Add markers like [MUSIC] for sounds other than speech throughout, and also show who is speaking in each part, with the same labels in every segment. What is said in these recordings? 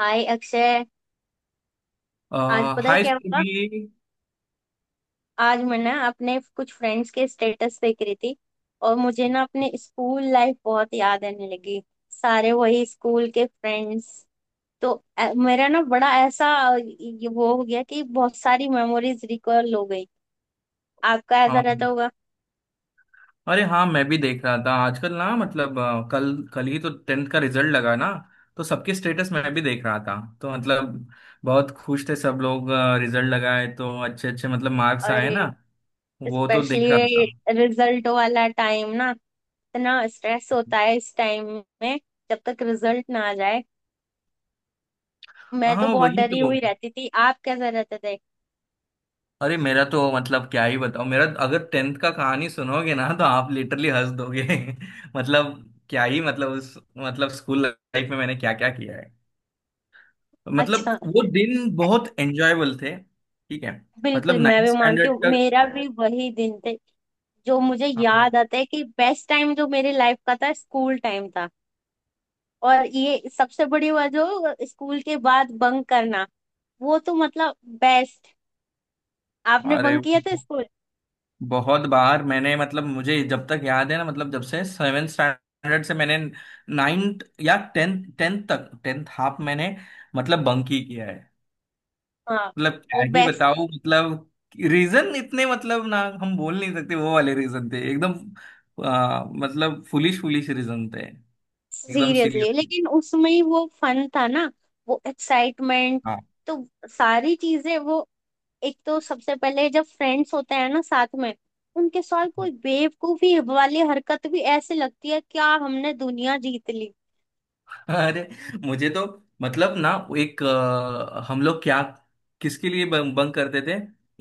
Speaker 1: हाय अक्षय। आज पता है
Speaker 2: हाई
Speaker 1: क्या
Speaker 2: स्कूल
Speaker 1: हुआ?
Speaker 2: भी।
Speaker 1: आज मैं ना अपने कुछ फ्रेंड्स के स्टेटस देख रही थी और मुझे ना अपने स्कूल लाइफ बहुत याद आने लगी। सारे वही स्कूल के फ्रेंड्स। तो मेरा ना बड़ा ऐसा ये वो हो गया कि बहुत सारी मेमोरीज रिकॉल हो गई। आपका ऐसा
Speaker 2: हाँ।
Speaker 1: रहता होगा?
Speaker 2: अरे हाँ, मैं भी देख रहा था आजकल ना मतलब कल कल ही तो टेंथ का रिजल्ट लगा ना। तो सबके स्टेटस मैं भी देख रहा था। तो मतलब बहुत खुश थे सब लोग। रिजल्ट लगाए तो अच्छे अच्छे मतलब मार्क्स आए ना।
Speaker 1: अरे,
Speaker 2: वो तो देख रहा
Speaker 1: स्पेशली
Speaker 2: था।
Speaker 1: रिजल्ट वाला टाइम ना, इतना स्ट्रेस होता है इस टाइम में। जब तक रिजल्ट ना आ जाए, मैं तो
Speaker 2: हाँ
Speaker 1: बहुत
Speaker 2: वही
Speaker 1: डरी
Speaker 2: तो।
Speaker 1: हुई रहती थी। आप कैसे रहते थे?
Speaker 2: अरे मेरा तो मतलब क्या ही बताऊँ। मेरा अगर टेंथ का कहानी सुनोगे ना तो आप लिटरली हंस दोगे। [LAUGHS] मतलब, क्या ही मतलब, उस मतलब स्कूल लाइफ में मैंने क्या क्या किया। मतलब
Speaker 1: अच्छा।
Speaker 2: वो दिन बहुत एंजॉयबल थे, ठीक है। मतलब
Speaker 1: बिल्कुल, मैं
Speaker 2: नाइन्थ
Speaker 1: भी मानती
Speaker 2: स्टैंडर्ड
Speaker 1: हूँ,
Speaker 2: तक।
Speaker 1: मेरा भी वही दिन थे। जो मुझे
Speaker 2: हाँ।
Speaker 1: याद आता है कि बेस्ट टाइम जो मेरे लाइफ का था, स्कूल टाइम था। और ये सबसे बड़ी बात, जो स्कूल के बाद बंक करना, वो तो मतलब बेस्ट। आपने
Speaker 2: अरे
Speaker 1: बंक किया था
Speaker 2: वो
Speaker 1: स्कूल?
Speaker 2: बहुत बार मैंने मतलब, मुझे जब तक याद है ना, मतलब जब से सेवेंथ स्टैंडर्ड से मैंने नाइन्थ या टेंथ टेंथ तक, टेंथ हाफ मैंने मतलब बंक ही किया है।
Speaker 1: हाँ,
Speaker 2: मतलब क्या
Speaker 1: वो
Speaker 2: ही
Speaker 1: बेस्ट।
Speaker 2: बताऊं मतलब। रीजन इतने मतलब ना हम बोल नहीं सकते, वो वाले रीजन थे एकदम। मतलब फुलिश फुलिश रीजन थे एकदम सिली।
Speaker 1: सीरियसली, लेकिन उसमें ही वो फन था ना, वो एक्साइटमेंट।
Speaker 2: हाँ।
Speaker 1: तो सारी चीजें वो, एक तो सबसे पहले जब फ्रेंड्स होते हैं ना साथ में, उनके साथ कोई बेवकूफी वाली हरकत भी ऐसे लगती है क्या हमने दुनिया जीत ली।
Speaker 2: अरे मुझे तो मतलब ना, एक हम लोग क्या, किसके लिए बंक बंक करते थे।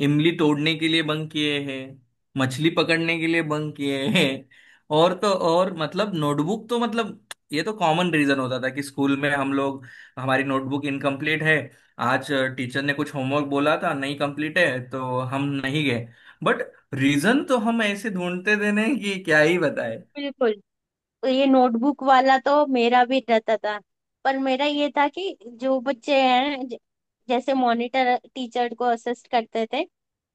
Speaker 2: इमली तोड़ने के लिए बंक किए हैं। मछली पकड़ने के लिए बंक किए हैं। और तो और मतलब नोटबुक तो मतलब, ये तो कॉमन रीजन होता था कि स्कूल में हम लोग, हमारी नोटबुक इनकम्प्लीट है। आज टीचर ने कुछ होमवर्क बोला था, नहीं कंप्लीट है तो हम नहीं गए। बट रीजन तो हम ऐसे ढूंढते थे ना कि क्या ही बताए।
Speaker 1: बिल्कुल। ये नोटबुक वाला तो मेरा भी रहता था। पर मेरा ये था कि जो बच्चे हैं जैसे मॉनिटर टीचर को असिस्ट करते थे,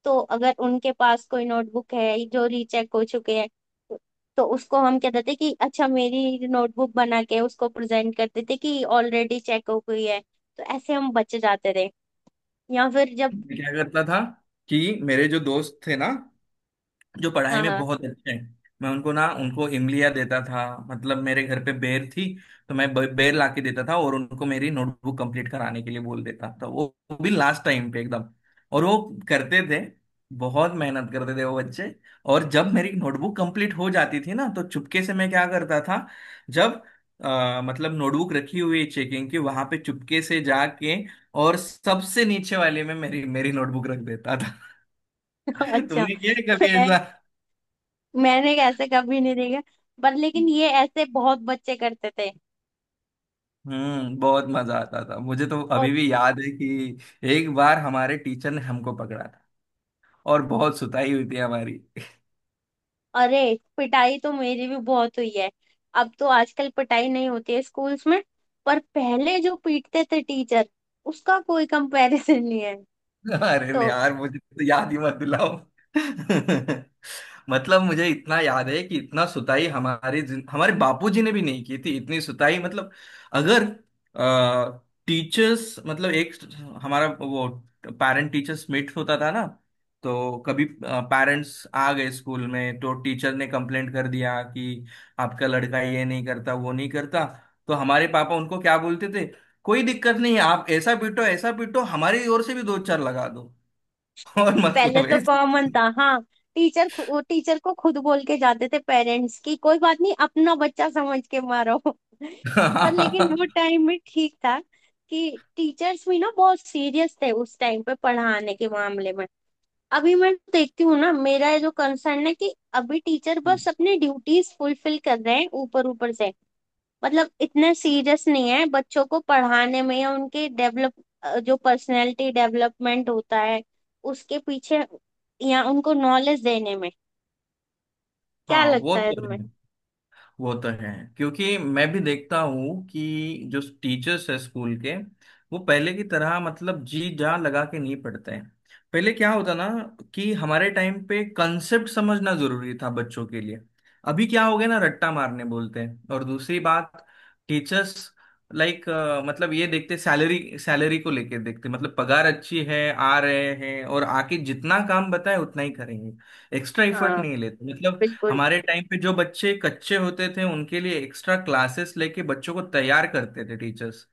Speaker 1: तो अगर उनके पास कोई नोटबुक है जो रीचेक हो चुके हैं, तो तो उसको हम कहते थे कि अच्छा मेरी नोटबुक बना के उसको प्रेजेंट करते थे कि ऑलरेडी चेक हो गई है। तो ऐसे हम बच जाते थे या फिर जब।
Speaker 2: मैं क्या करता था कि मेरे जो दोस्त थे ना, जो पढ़ाई
Speaker 1: हाँ
Speaker 2: में
Speaker 1: हाँ।
Speaker 2: बहुत अच्छे हैं, मैं उनको ना, उनको इमलिया देता था, मतलब मेरे घर पे बेर थी। तो मैं बेर ला के देता था और उनको मेरी नोटबुक कंप्लीट कराने के लिए बोल देता था। वो भी लास्ट टाइम पे एकदम। और वो करते थे, बहुत मेहनत करते थे वो बच्चे। और जब मेरी नोटबुक कंप्लीट हो जाती थी ना, तो चुपके से मैं क्या करता था। जब मतलब नोटबुक रखी हुई है चेकिंग की, वहां पे चुपके से जाके, और सबसे नीचे वाले में मेरी मेरी नोटबुक रख देता था।
Speaker 1: [LAUGHS]
Speaker 2: [LAUGHS]
Speaker 1: अच्छा।
Speaker 2: तुमने किया है कभी
Speaker 1: मैं
Speaker 2: ऐसा?
Speaker 1: मैंने ऐसे कभी नहीं देखा, पर लेकिन ये ऐसे बहुत बच्चे करते थे
Speaker 2: हम्म, बहुत मजा आता था। मुझे तो
Speaker 1: और।
Speaker 2: अभी भी याद है कि एक बार हमारे टीचर ने हमको पकड़ा था और बहुत सुताई हुई थी हमारी।
Speaker 1: अरे, पिटाई तो मेरी भी बहुत हुई है। अब तो आजकल पिटाई नहीं होती है स्कूल्स में, पर पहले जो पीटते थे टीचर, उसका कोई कंपैरिजन नहीं है।
Speaker 2: अरे नहीं
Speaker 1: तो
Speaker 2: यार, मुझे तो याद ही मत दिलाओ। [LAUGHS] मतलब मुझे इतना याद है कि इतना सुताई हमारे हमारे बापूजी ने भी नहीं की थी इतनी सुताई मतलब। अगर टीचर्स मतलब, एक हमारा वो पेरेंट टीचर्स मीट होता था ना। तो कभी पेरेंट्स आ गए स्कूल में तो टीचर ने कंप्लेंट कर दिया कि आपका लड़का ये नहीं करता, वो नहीं करता। तो हमारे पापा उनको क्या बोलते थे, कोई दिक्कत नहीं है, आप ऐसा पीटो ऐसा पीटो, हमारी ओर से भी दो चार लगा दो। [LAUGHS] और
Speaker 1: पहले
Speaker 2: मतलब
Speaker 1: तो
Speaker 2: ऐसा।
Speaker 1: कॉमन था हाँ, टीचर टीचर को खुद बोल के जाते थे पेरेंट्स की कोई बात नहीं अपना बच्चा समझ के मारो।
Speaker 2: [LAUGHS]
Speaker 1: [LAUGHS] पर लेकिन
Speaker 2: हाँ।
Speaker 1: वो टाइम में ठीक था कि टीचर्स भी ना बहुत सीरियस थे उस टाइम पे पढ़ाने के मामले में। अभी मैं देखती हूँ ना, मेरा ये जो कंसर्न है कि अभी टीचर बस अपनी ड्यूटीज फुलफिल कर रहे हैं, ऊपर ऊपर से। मतलब इतने सीरियस नहीं है बच्चों को पढ़ाने में या उनके डेवलप, जो पर्सनैलिटी डेवलपमेंट होता है उसके पीछे, या उनको नॉलेज देने में। क्या
Speaker 2: हाँ, वो
Speaker 1: लगता है
Speaker 2: तो
Speaker 1: तुम्हें?
Speaker 2: है। वो तो है। क्योंकि मैं भी देखता हूँ कि जो टीचर्स है स्कूल के, वो पहले की तरह मतलब जी जान लगा के नहीं पढ़ते हैं। पहले क्या होता ना, कि हमारे टाइम पे कंसेप्ट समझना जरूरी था बच्चों के लिए। अभी क्या हो गया ना, रट्टा मारने बोलते हैं। और दूसरी बात, टीचर्स लाइक, मतलब ये देखते सैलरी सैलरी को लेके देखते, मतलब पगार अच्छी है, आ रहे हैं, और आके जितना काम बताए उतना ही करेंगे। एक्स्ट्रा एफर्ट
Speaker 1: हाँ,
Speaker 2: नहीं लेते मतलब।
Speaker 1: बिल्कुल
Speaker 2: हमारे टाइम पे जो बच्चे कच्चे होते थे, उनके लिए एक्स्ट्रा क्लासेस लेके बच्चों को तैयार करते थे टीचर्स।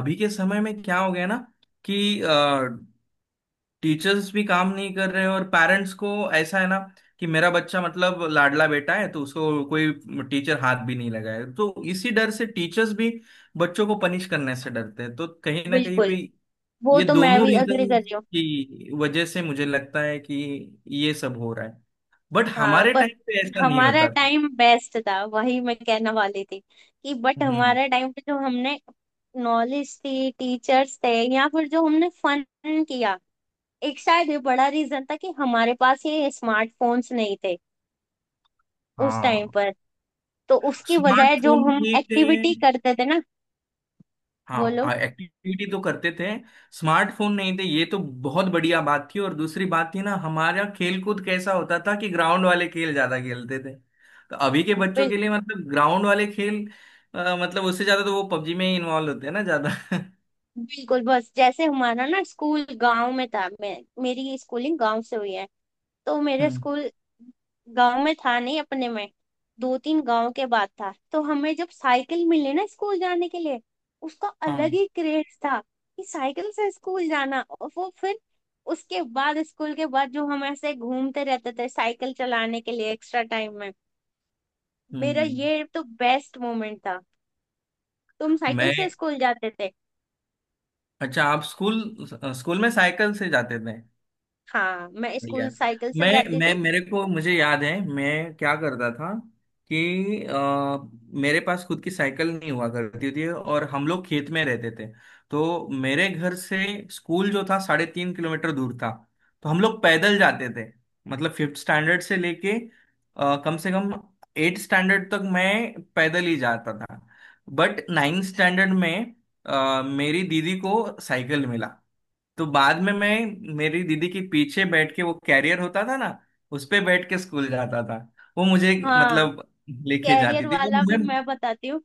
Speaker 2: अभी के समय में क्या हो गया ना कि टीचर्स भी काम नहीं कर रहे, और पेरेंट्स को ऐसा है ना कि मेरा बच्चा मतलब लाडला बेटा है, तो उसको कोई टीचर हाथ भी नहीं लगाए। तो इसी डर से टीचर्स भी बच्चों को पनिश करने से डरते हैं। तो कहीं ना कहीं
Speaker 1: बिल्कुल
Speaker 2: पे
Speaker 1: वो
Speaker 2: ये
Speaker 1: तो मैं
Speaker 2: दोनों
Speaker 1: भी अग्री
Speaker 2: रीजन
Speaker 1: कर रही हूँ।
Speaker 2: की वजह से मुझे लगता है कि ये सब हो रहा है। बट
Speaker 1: हाँ
Speaker 2: हमारे
Speaker 1: पर,
Speaker 2: टाइम पे ऐसा नहीं
Speaker 1: हमारा
Speaker 2: होता।
Speaker 1: टाइम बेस्ट था, वही मैं कहने वाली थी। कि बट
Speaker 2: हम्म।
Speaker 1: हमारा टाइम पे जो हमने नॉलेज थी, टीचर्स थे, या फिर जो हमने फन किया, एक शायद ये बड़ा रीजन था कि हमारे पास ये स्मार्टफोन्स नहीं थे उस टाइम
Speaker 2: हाँ,
Speaker 1: पर। तो उसकी बजाय जो
Speaker 2: स्मार्टफोन
Speaker 1: हम
Speaker 2: नहीं थे।
Speaker 1: एक्टिविटी करते थे ना। बोलो।
Speaker 2: हाँ एक्टिविटी तो करते थे। स्मार्टफोन नहीं थे, ये तो बहुत बढ़िया बात थी। और दूसरी बात थी ना, हमारा खेल कूद कैसा होता था कि ग्राउंड वाले खेल ज्यादा खेलते थे। तो अभी के बच्चों
Speaker 1: बिल,
Speaker 2: के लिए मतलब ग्राउंड वाले खेल, मतलब उससे ज्यादा तो वो पबजी में ही इन्वॉल्व होते हैं ना ज्यादा। [LAUGHS]
Speaker 1: बिल्कुल। बस जैसे हमारा ना स्कूल गांव में था, मैं मेरी स्कूलिंग गांव से हुई है। तो मेरे
Speaker 2: हम्म।
Speaker 1: स्कूल गांव में था नहीं अपने में, दो तीन गांव के बाद था। तो हमें जब साइकिल मिली ना स्कूल जाने के लिए, उसका
Speaker 2: हाँ।
Speaker 1: अलग ही क्रेज था। कि साइकिल से स्कूल जाना और वो फिर, उसके बाद स्कूल के बाद जो हम ऐसे घूमते रहते थे साइकिल चलाने के लिए एक्स्ट्रा टाइम में, मेरा
Speaker 2: हम्म।
Speaker 1: ये तो बेस्ट मोमेंट था। तुम साइकिल से
Speaker 2: मैं,
Speaker 1: स्कूल जाते थे?
Speaker 2: अच्छा आप स्कूल, स्कूल में साइकिल से जाते थे?
Speaker 1: हाँ, मैं स्कूल
Speaker 2: बढ़िया।
Speaker 1: साइकिल से
Speaker 2: मैं
Speaker 1: जाती
Speaker 2: मैं
Speaker 1: थी।
Speaker 2: मेरे को मुझे याद है, मैं क्या करता था कि, मेरे पास खुद की साइकिल नहीं हुआ करती थी, और हम लोग खेत में रहते थे। तो मेरे घर से स्कूल जो था, 3.5 किलोमीटर दूर था। तो हम लोग पैदल जाते थे। मतलब फिफ्थ स्टैंडर्ड से लेके कम से कम एट स्टैंडर्ड तक मैं पैदल ही जाता था। बट नाइन्थ स्टैंडर्ड में मेरी दीदी को साइकिल मिला। तो बाद में मैं मेरी दीदी के पीछे बैठ के, वो कैरियर होता था ना, उस पे बैठ के स्कूल जाता था। वो मुझे
Speaker 1: हाँ,
Speaker 2: मतलब लेके जाती
Speaker 1: कैरियर
Speaker 2: थी और
Speaker 1: वाला भी
Speaker 2: मैं,
Speaker 1: मैं बताती हूँ।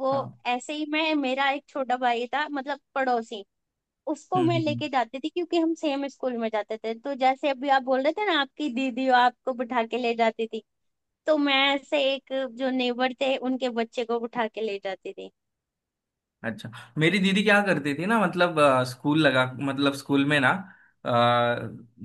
Speaker 1: वो
Speaker 2: हाँ,
Speaker 1: ऐसे ही, मैं मेरा एक छोटा भाई था, मतलब पड़ोसी। उसको
Speaker 2: हम्म
Speaker 1: मैं
Speaker 2: हम्म हम्म।
Speaker 1: लेके जाती थी, क्योंकि हम सेम स्कूल में जाते थे। तो जैसे अभी आप बोल रहे थे ना आपकी दीदी आपको बिठा के ले जाती थी, तो मैं ऐसे एक जो नेबर थे उनके बच्चे को बिठा के ले जाती थी।
Speaker 2: अच्छा, मेरी दीदी क्या करती थी ना मतलब स्कूल लगा मतलब स्कूल में ना, अ,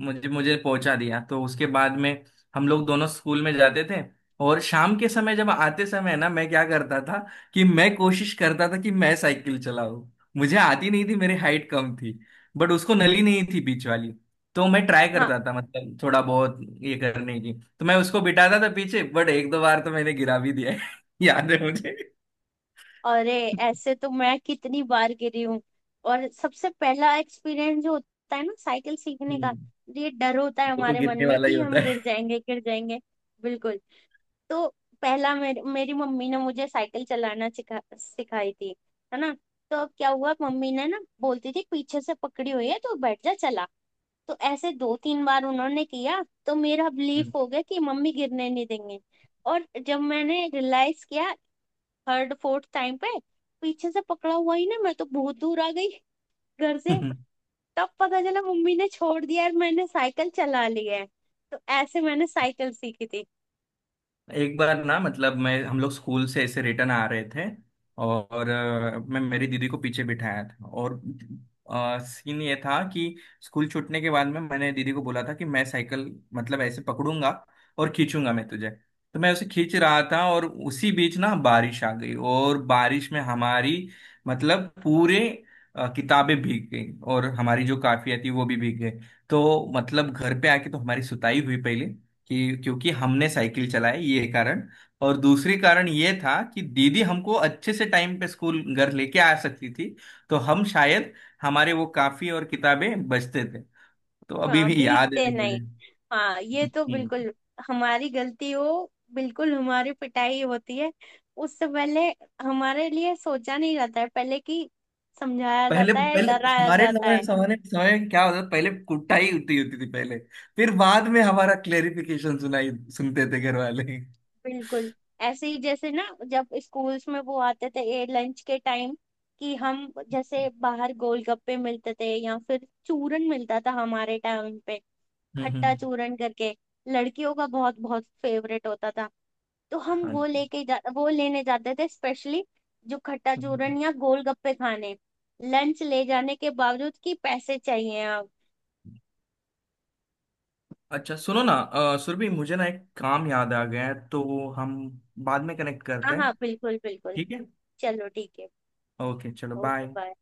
Speaker 2: मुझे मुझे पहुंचा दिया, तो उसके बाद में हम लोग दोनों स्कूल में जाते थे। और शाम के समय, जब आते समय ना, मैं क्या करता था कि मैं कोशिश करता था कि मैं साइकिल चलाऊं, मुझे आती नहीं थी, मेरी हाइट कम थी, बट उसको नली नहीं थी बीच वाली। तो मैं ट्राई
Speaker 1: हाँ।
Speaker 2: करता था मतलब, थोड़ा बहुत ये करने की। तो मैं उसको बिठाता था पीछे, बट एक दो बार तो मैंने गिरा भी दिया है। [LAUGHS] याद है मुझे।
Speaker 1: अरे, ऐसे तो मैं कितनी बार गिरी हूँ। और सबसे पहला एक्सपीरियंस जो होता है ना साइकिल सीखने का,
Speaker 2: हम्म,
Speaker 1: ये डर होता है
Speaker 2: वो तो
Speaker 1: हमारे मन
Speaker 2: गिरने
Speaker 1: में
Speaker 2: वाला ही
Speaker 1: कि हम
Speaker 2: होता
Speaker 1: गिर जाएंगे, गिर जाएंगे। बिल्कुल। तो पहला, मेरी मेरी मम्मी ने मुझे साइकिल चलाना सिखाई थी, है ना? तो अब क्या हुआ, मम्मी ने ना बोलती थी पीछे से पकड़ी हुई है तो बैठ जा चला। तो ऐसे दो तीन बार उन्होंने किया तो मेरा बिलीफ हो गया कि मम्मी गिरने नहीं देंगे। और जब मैंने रियलाइज किया थर्ड फोर्थ टाइम पे, पीछे से पकड़ा हुआ ही ना, मैं तो बहुत दूर आ गई घर
Speaker 2: है।
Speaker 1: से।
Speaker 2: [LAUGHS]
Speaker 1: तब पता चला मम्मी ने छोड़ दिया और मैंने साइकिल चला ली है। तो ऐसे मैंने साइकिल सीखी थी।
Speaker 2: एक बार ना मतलब, मैं हम लोग स्कूल से ऐसे रिटर्न आ रहे थे और मैं मेरी दीदी को पीछे बिठाया था, और सीन ये था कि स्कूल छूटने के बाद में मैंने दीदी को बोला था कि मैं साइकिल मतलब ऐसे पकड़ूंगा और खींचूंगा मैं तुझे। तो मैं उसे खींच रहा था और उसी बीच ना बारिश आ गई, और बारिश में हमारी मतलब पूरे, किताबें भीग गई और हमारी जो काफिया थी वो भी भीग गई। तो मतलब घर पे आके तो हमारी सुताई हुई पहले, कि क्योंकि हमने साइकिल चलाई, ये कारण, और दूसरी कारण ये था कि दीदी हमको अच्छे से टाइम पे स्कूल घर लेके आ सकती थी, तो हम शायद, हमारे वो काफी और किताबें बचते थे। तो अभी
Speaker 1: हाँ,
Speaker 2: भी याद
Speaker 1: भीगते
Speaker 2: है मुझे।
Speaker 1: नहीं। हाँ, ये तो
Speaker 2: हम्म।
Speaker 1: बिल्कुल, हमारी गलती हो, बिल्कुल हमारी पिटाई होती है। उससे पहले हमारे लिए सोचा नहीं जाता है, पहले की समझाया
Speaker 2: पहले
Speaker 1: जाता है,
Speaker 2: पहले
Speaker 1: डराया
Speaker 2: हमारे
Speaker 1: जाता
Speaker 2: समय
Speaker 1: है।
Speaker 2: समय समय में क्या होता था, पहले कुटाई होती होती थी पहले, फिर बाद में हमारा क्लेरिफिकेशन सुनाई सुनते थे घर वाले।
Speaker 1: बिल्कुल। ऐसे ही जैसे ना, जब स्कूल्स में वो आते थे ए लंच के टाइम, कि हम, जैसे बाहर गोलगप्पे मिलते थे या फिर चूरन मिलता था हमारे टाइम पे,
Speaker 2: हम्म
Speaker 1: खट्टा
Speaker 2: हम्म,
Speaker 1: चूरन करके, लड़कियों का बहुत बहुत फेवरेट होता था। तो हम
Speaker 2: हाँ।
Speaker 1: वो लेके जा वो लेने जाते थे स्पेशली, जो खट्टा चूरन या गोलगप्पे खाने, लंच ले जाने के बावजूद, कि पैसे चाहिए आप।
Speaker 2: अच्छा, सुनो ना सुरभि, मुझे ना एक काम याद आ गया है, तो हम बाद में कनेक्ट करते
Speaker 1: हाँ
Speaker 2: हैं।
Speaker 1: हाँ, बिल्कुल बिल्कुल।
Speaker 2: ठीक है।
Speaker 1: चलो ठीक है।
Speaker 2: ओके, चलो
Speaker 1: ओके
Speaker 2: बाय।
Speaker 1: बाय।